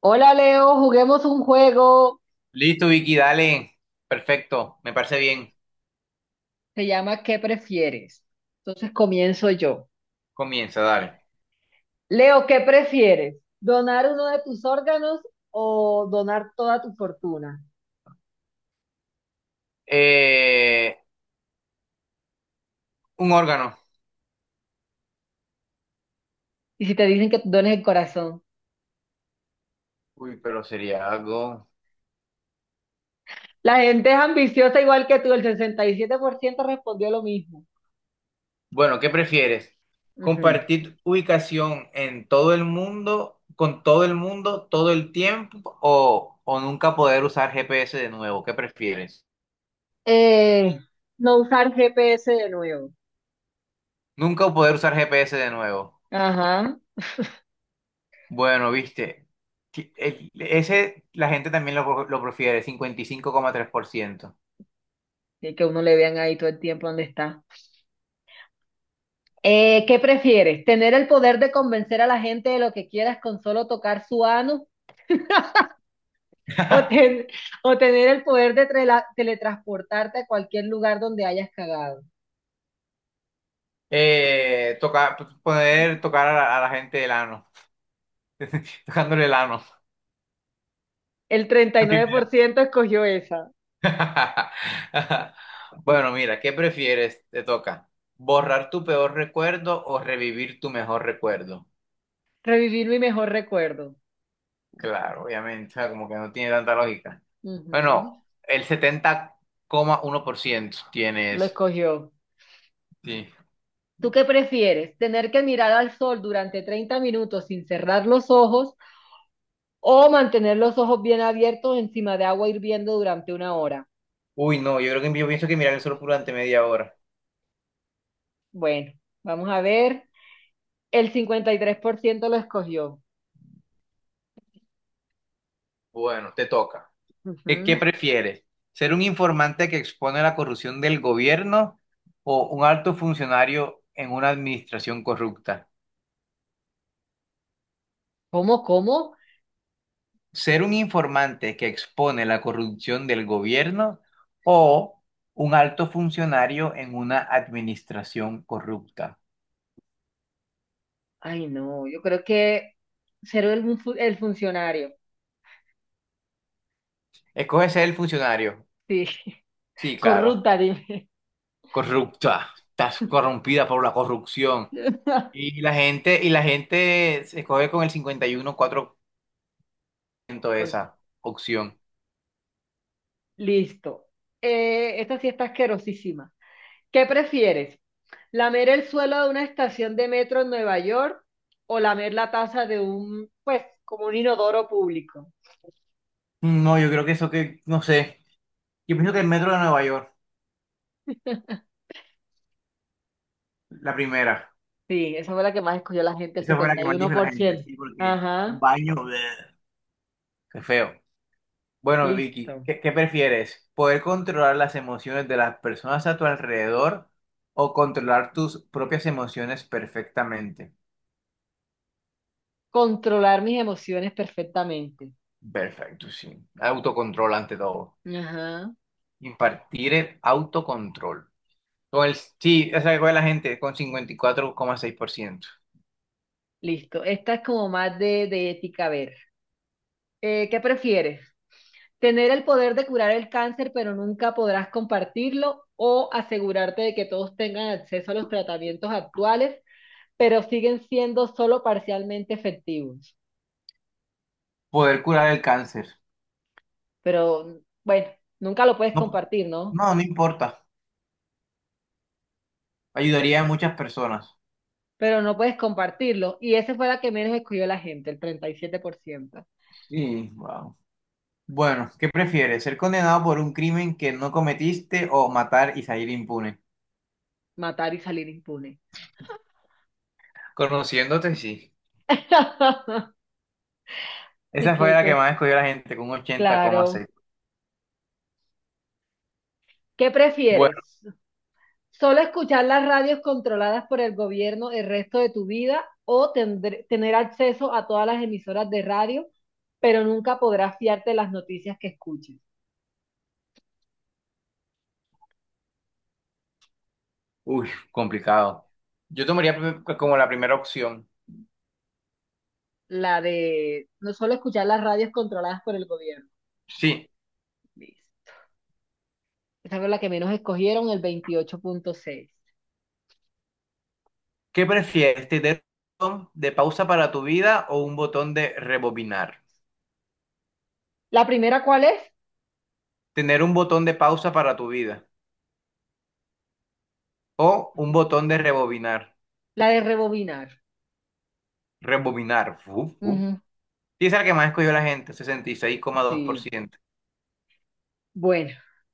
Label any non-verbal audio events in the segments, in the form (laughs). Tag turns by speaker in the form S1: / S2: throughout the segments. S1: Hola Leo, juguemos un juego.
S2: Listo, Vicky, dale. Perfecto, me parece bien.
S1: Se llama ¿qué prefieres? Entonces comienzo yo.
S2: Comienza, dale.
S1: Leo, ¿qué prefieres? ¿Donar uno de tus órganos o donar toda tu fortuna?
S2: Eh, un órgano.
S1: Y si te dicen que dones el corazón.
S2: Uy, pero sería algo.
S1: La gente es ambiciosa igual que tú, el 67% respondió lo mismo.
S2: Bueno, ¿qué prefieres?
S1: Ujú.
S2: ¿Compartir ubicación en todo el mundo, con todo el mundo, todo el tiempo, o nunca poder usar GPS de nuevo? ¿Qué prefieres?
S1: Eh, no usar GPS de nuevo.
S2: Nunca poder usar GPS de nuevo.
S1: Ajá.
S2: Bueno, viste, ese la gente también lo prefiere. 55,3%.
S1: Y que uno le vean ahí todo el tiempo dónde está. ¿Qué prefieres? ¿Tener el poder de convencer a la gente de lo que quieras con solo tocar su ano? (laughs) ¿O,
S2: (laughs)
S1: ten- ¿O tener el poder de teletransportarte a cualquier lugar donde hayas cagado?
S2: Tocar, poder tocar a la gente el ano, (laughs) tocándole el ano.
S1: El
S2: Primero.
S1: 39% escogió esa.
S2: (laughs) Bueno, mira, ¿qué prefieres? Te toca. ¿Borrar tu peor recuerdo o revivir tu mejor recuerdo?
S1: Revivir mi mejor recuerdo.
S2: Claro, obviamente, o sea, como que no tiene tanta lógica.
S1: Ujú.
S2: Bueno, el 70,1%
S1: Lo
S2: tienes.
S1: escogió.
S2: Sí.
S1: ¿Tú qué prefieres? ¿Tener que mirar al sol durante 30 minutos sin cerrar los ojos o mantener los ojos bien abiertos encima de agua hirviendo durante una hora?
S2: Uy, no, yo creo que yo pienso que mirar el sol durante media hora.
S1: Bueno, vamos a ver. El 53% lo escogió.
S2: Bueno, te toca. ¿Qué
S1: Ujú.
S2: prefieres? ¿Ser un informante que expone la corrupción del gobierno o un alto funcionario en una administración corrupta?
S1: ¿Cómo, cómo?
S2: ¿Ser un informante que expone la corrupción del gobierno o un alto funcionario en una administración corrupta?
S1: Ay, no, yo creo que ser el funcionario.
S2: Escoge ser el funcionario.
S1: Sí, (laughs)
S2: Sí, claro.
S1: corrupta, dime.
S2: Corrupta. Estás corrompida por la corrupción.
S1: (laughs)
S2: Y la gente se escoge con el
S1: Por-
S2: 51,4% esa opción.
S1: Listo. Esta sí está asquerosísima. ¿Qué prefieres? ¿Lamer el suelo de una estación de metro en Nueva York o lamer la taza de un, pues, como un inodoro público?
S2: No, yo creo que eso que, no sé. Yo pienso que el metro de Nueva York, la primera.
S1: Sí, esa fue la que más escogió la gente, el
S2: Esa fue la
S1: setenta
S2: que
S1: y
S2: más
S1: uno
S2: dijo la
S1: por
S2: gente,
S1: ciento
S2: sí, porque un
S1: Ajá,
S2: baño, bleh, qué feo. Bueno, Vicky,
S1: listo.
S2: ¿qué, qué prefieres? ¿Poder controlar las emociones de las personas a tu alrededor o controlar tus propias emociones perfectamente?
S1: Controlar mis emociones perfectamente.
S2: Perfecto, sí. Autocontrol ante todo.
S1: Ajá.
S2: Impartir el autocontrol. Con el, sí, esa que fue la gente con 54,6%.
S1: Listo. Esta es como más de ética. A ver, ¿qué prefieres? ¿Tener el poder de curar el cáncer, pero nunca podrás compartirlo? ¿O asegurarte de que todos tengan acceso a los tratamientos actuales, pero siguen siendo solo parcialmente efectivos?
S2: Poder curar el cáncer.
S1: Pero bueno, nunca lo puedes
S2: No,
S1: compartir, ¿no?
S2: no, no importa. Ayudaría a muchas personas.
S1: Pero no puedes compartirlo. Y esa fue la que menos escogió la gente, el 37%.
S2: Sí, wow. Bueno, ¿qué prefieres? ¿Ser condenado por un crimen que no cometiste o matar y salir impune?
S1: Matar y salir impune.
S2: Conociéndote, sí.
S1: (laughs) ¿Qué,
S2: Esa fue
S1: qué,
S2: la que
S1: qué?
S2: más escogió la gente, con un ochenta coma
S1: Claro.
S2: seis
S1: ¿Qué
S2: Bueno,
S1: prefieres? ¿Solo escuchar las radios controladas por el gobierno el resto de tu vida o tener acceso a todas las emisoras de radio, pero nunca podrás fiarte de las noticias que escuches?
S2: uy, complicado. Yo tomaría como la primera opción.
S1: La de no solo escuchar las radios controladas por el gobierno.
S2: Sí.
S1: Liz. Esa fue la que menos escogieron, el 28.6.
S2: ¿Qué prefieres? ¿Tener un botón de pausa para tu vida o un botón de rebobinar?
S1: ¿La primera cuál es?
S2: Tener un botón de pausa para tu vida o un botón de rebobinar.
S1: La de rebobinar.
S2: Rebobinar. Uf, uf.
S1: Ujú.
S2: Sí, es el que más escogió la gente,
S1: Sí.
S2: 66,2%.
S1: Bueno,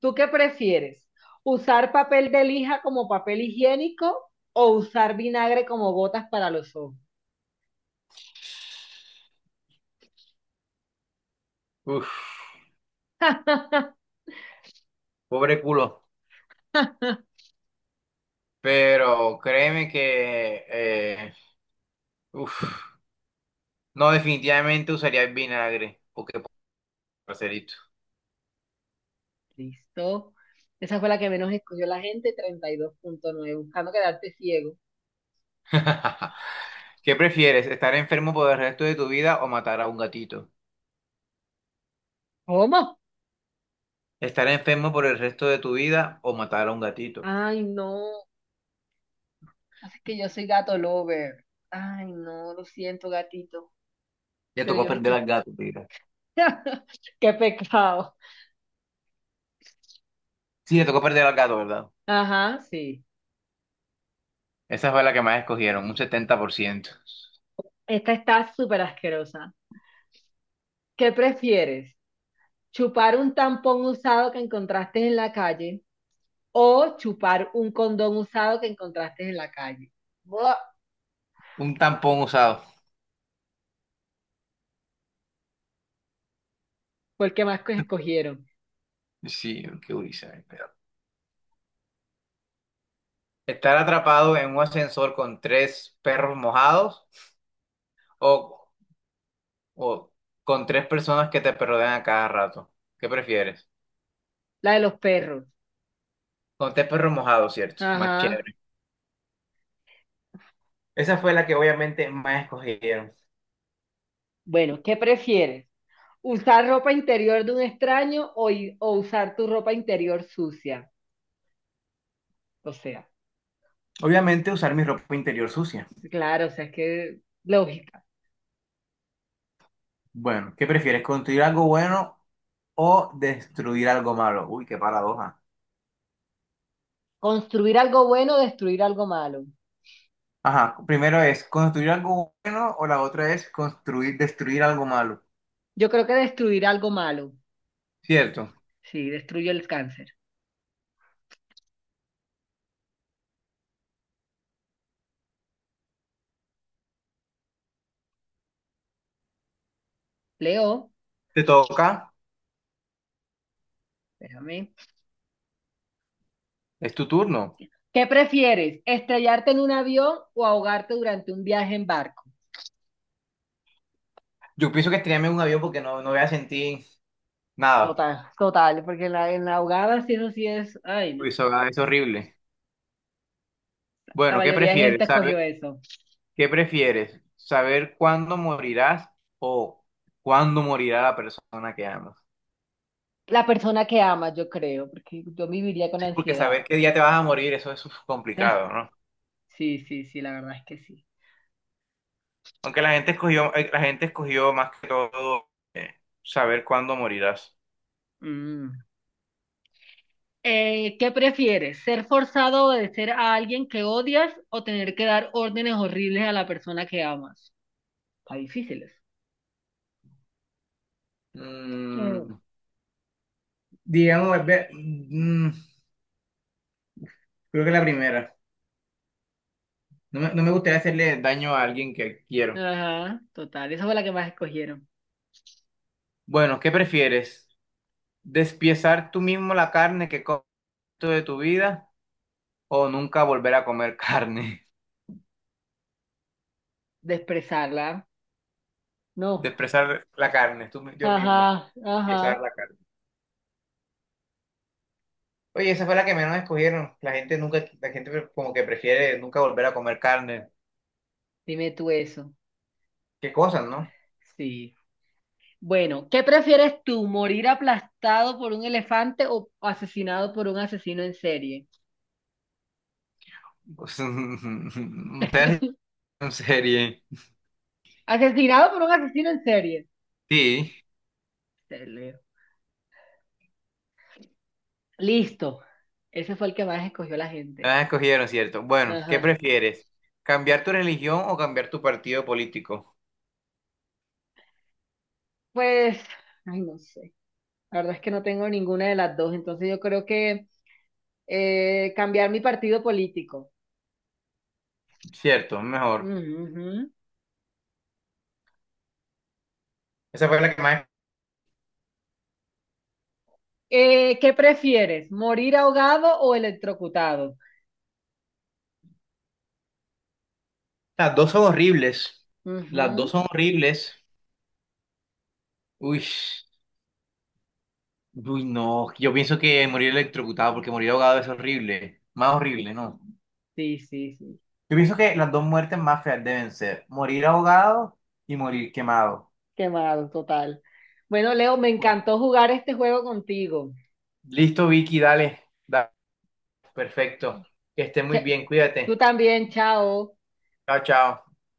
S1: ¿tú qué prefieres? ¿Usar papel de lija como papel higiénico o usar vinagre como botas para los ojos?
S2: Uf, pobre culo. Pero créeme que, uf, no, definitivamente usaría el vinagre. Porque, parcerito.
S1: Listo. Esa fue la que menos escogió la gente, 32.9, buscando quedarte ciego.
S2: (laughs) ¿Qué prefieres, estar enfermo por el resto de tu vida o matar a un gatito?
S1: ¿Cómo?
S2: Estar enfermo por el resto de tu vida o matar a un gatito.
S1: Ay, no. Así que yo soy gato lover. Ay, no, lo siento, gatito.
S2: Ya
S1: Pero
S2: tocó
S1: yo no
S2: perder
S1: quiero.
S2: al gato, mira.
S1: (laughs) Qué pecado.
S2: Sí, le tocó perder al gato, ¿verdad?
S1: Ajá, sí.
S2: Esa fue la que más escogieron, un 70%.
S1: Esta está súper asquerosa. ¿Qué prefieres? Chupar un tampón usado que encontraste en la calle o chupar un condón usado que encontraste en la calle. Buah.
S2: Un tampón usado.
S1: ¿Por qué más que escogieron?
S2: Sí, qué duriza. Estar atrapado en un ascensor con tres perros mojados o, o con tres personas que te rodean a cada rato. ¿Qué prefieres?
S1: La de los perros.
S2: Con tres perros mojados, ¿cierto? Más
S1: Ajá.
S2: chévere. Esa fue la que obviamente más escogieron.
S1: Bueno, ¿qué prefieres? ¿Usar ropa interior de un extraño o usar tu ropa interior sucia? O sea,
S2: Obviamente usar mi ropa interior sucia.
S1: claro, o sea, es que lógica.
S2: Bueno, ¿qué prefieres? ¿Construir algo bueno o destruir algo malo? Uy, qué paradoja.
S1: ¿Construir algo bueno o destruir algo malo?
S2: Ajá, primero es construir algo bueno o la otra es destruir algo malo.
S1: Yo creo que destruir algo malo.
S2: Cierto.
S1: Sí, destruye el cáncer. Leo,
S2: Te toca,
S1: espérame.
S2: es tu turno.
S1: ¿Qué prefieres? ¿Estrellarte en un avión o ahogarte durante un viaje en barco?
S2: Yo pienso que estrellarme en un avión porque no, no voy a sentir nada.
S1: Total, total, porque en la ahogada sí, eso sí es, ay
S2: Uy,
S1: no,
S2: eso es horrible.
S1: la
S2: Bueno, ¿qué
S1: mayoría de gente
S2: prefieres?
S1: escogió
S2: Saber?
S1: eso.
S2: ¿Qué prefieres? ¿Saber cuándo morirás o cuándo morirá la persona que amas?
S1: La persona que ama, yo creo, porque yo viviría con
S2: Sí, porque
S1: ansiedad.
S2: saber qué día te vas a morir, eso es complicado,
S1: (laughs)
S2: ¿no?
S1: Sí, sí, sí, la verdad es que sí.
S2: Aunque la gente escogió más que todo eh, saber cuándo morirás.
S1: Mm. ¿Qué prefieres? ¿Ser forzado a obedecer a alguien que odias o tener que dar órdenes horribles a la persona que amas? Está difíciles. Mm.
S2: Mm, digamos, creo que la primera. No me gustaría hacerle daño a alguien que quiero.
S1: Ajá, total, esa fue la que más escogieron.
S2: Bueno, ¿qué prefieres? ¿Despiezar tú mismo la carne que comes de tu vida o nunca volver a comer carne?
S1: Desprezarla.
S2: (laughs)
S1: No,
S2: Desprezar la carne, tú, yo mismo.
S1: ajá,
S2: Despiezar
S1: ajá.
S2: la carne. Oye, esa fue la que menos escogieron. La gente como que prefiere nunca volver a comer carne.
S1: Dime tú eso.
S2: Qué cosas, ¿no?
S1: Sí. Bueno, ¿qué prefieres tú, morir aplastado por un elefante o asesinado por un asesino en serie?
S2: Pues, un (laughs) serie.
S1: Asesinado por un asesino en serie.
S2: Sí,
S1: Te leo. Listo. Ese fue el que más escogió la gente.
S2: la escogieron, ¿cierto? Bueno, ¿qué
S1: Ajá.
S2: prefieres? ¿Cambiar tu religión o cambiar tu partido político?
S1: Pues, ay, no sé. La verdad es que no tengo ninguna de las dos, entonces yo creo que cambiar mi partido político.
S2: Cierto, mejor.
S1: Ujú. Ujú.
S2: Esa fue la que más.
S1: ¿Qué prefieres, morir ahogado o electrocutado?
S2: Las dos son horribles. Las dos
S1: Ujú.
S2: son horribles. Uy, uy, no. Yo pienso que morir electrocutado, porque morir ahogado es horrible. Más horrible, ¿no?
S1: Sí, sí, sí.
S2: Yo pienso que las dos muertes más feas deben ser morir ahogado y morir quemado.
S1: Quemado, total. Bueno, Leo, me
S2: Bueno,
S1: encantó jugar este juego contigo.
S2: listo, Vicky, dale. Dale. Perfecto. Que esté muy
S1: Cha-
S2: bien,
S1: Tú
S2: cuídate.
S1: también, chao.
S2: Chao, chao.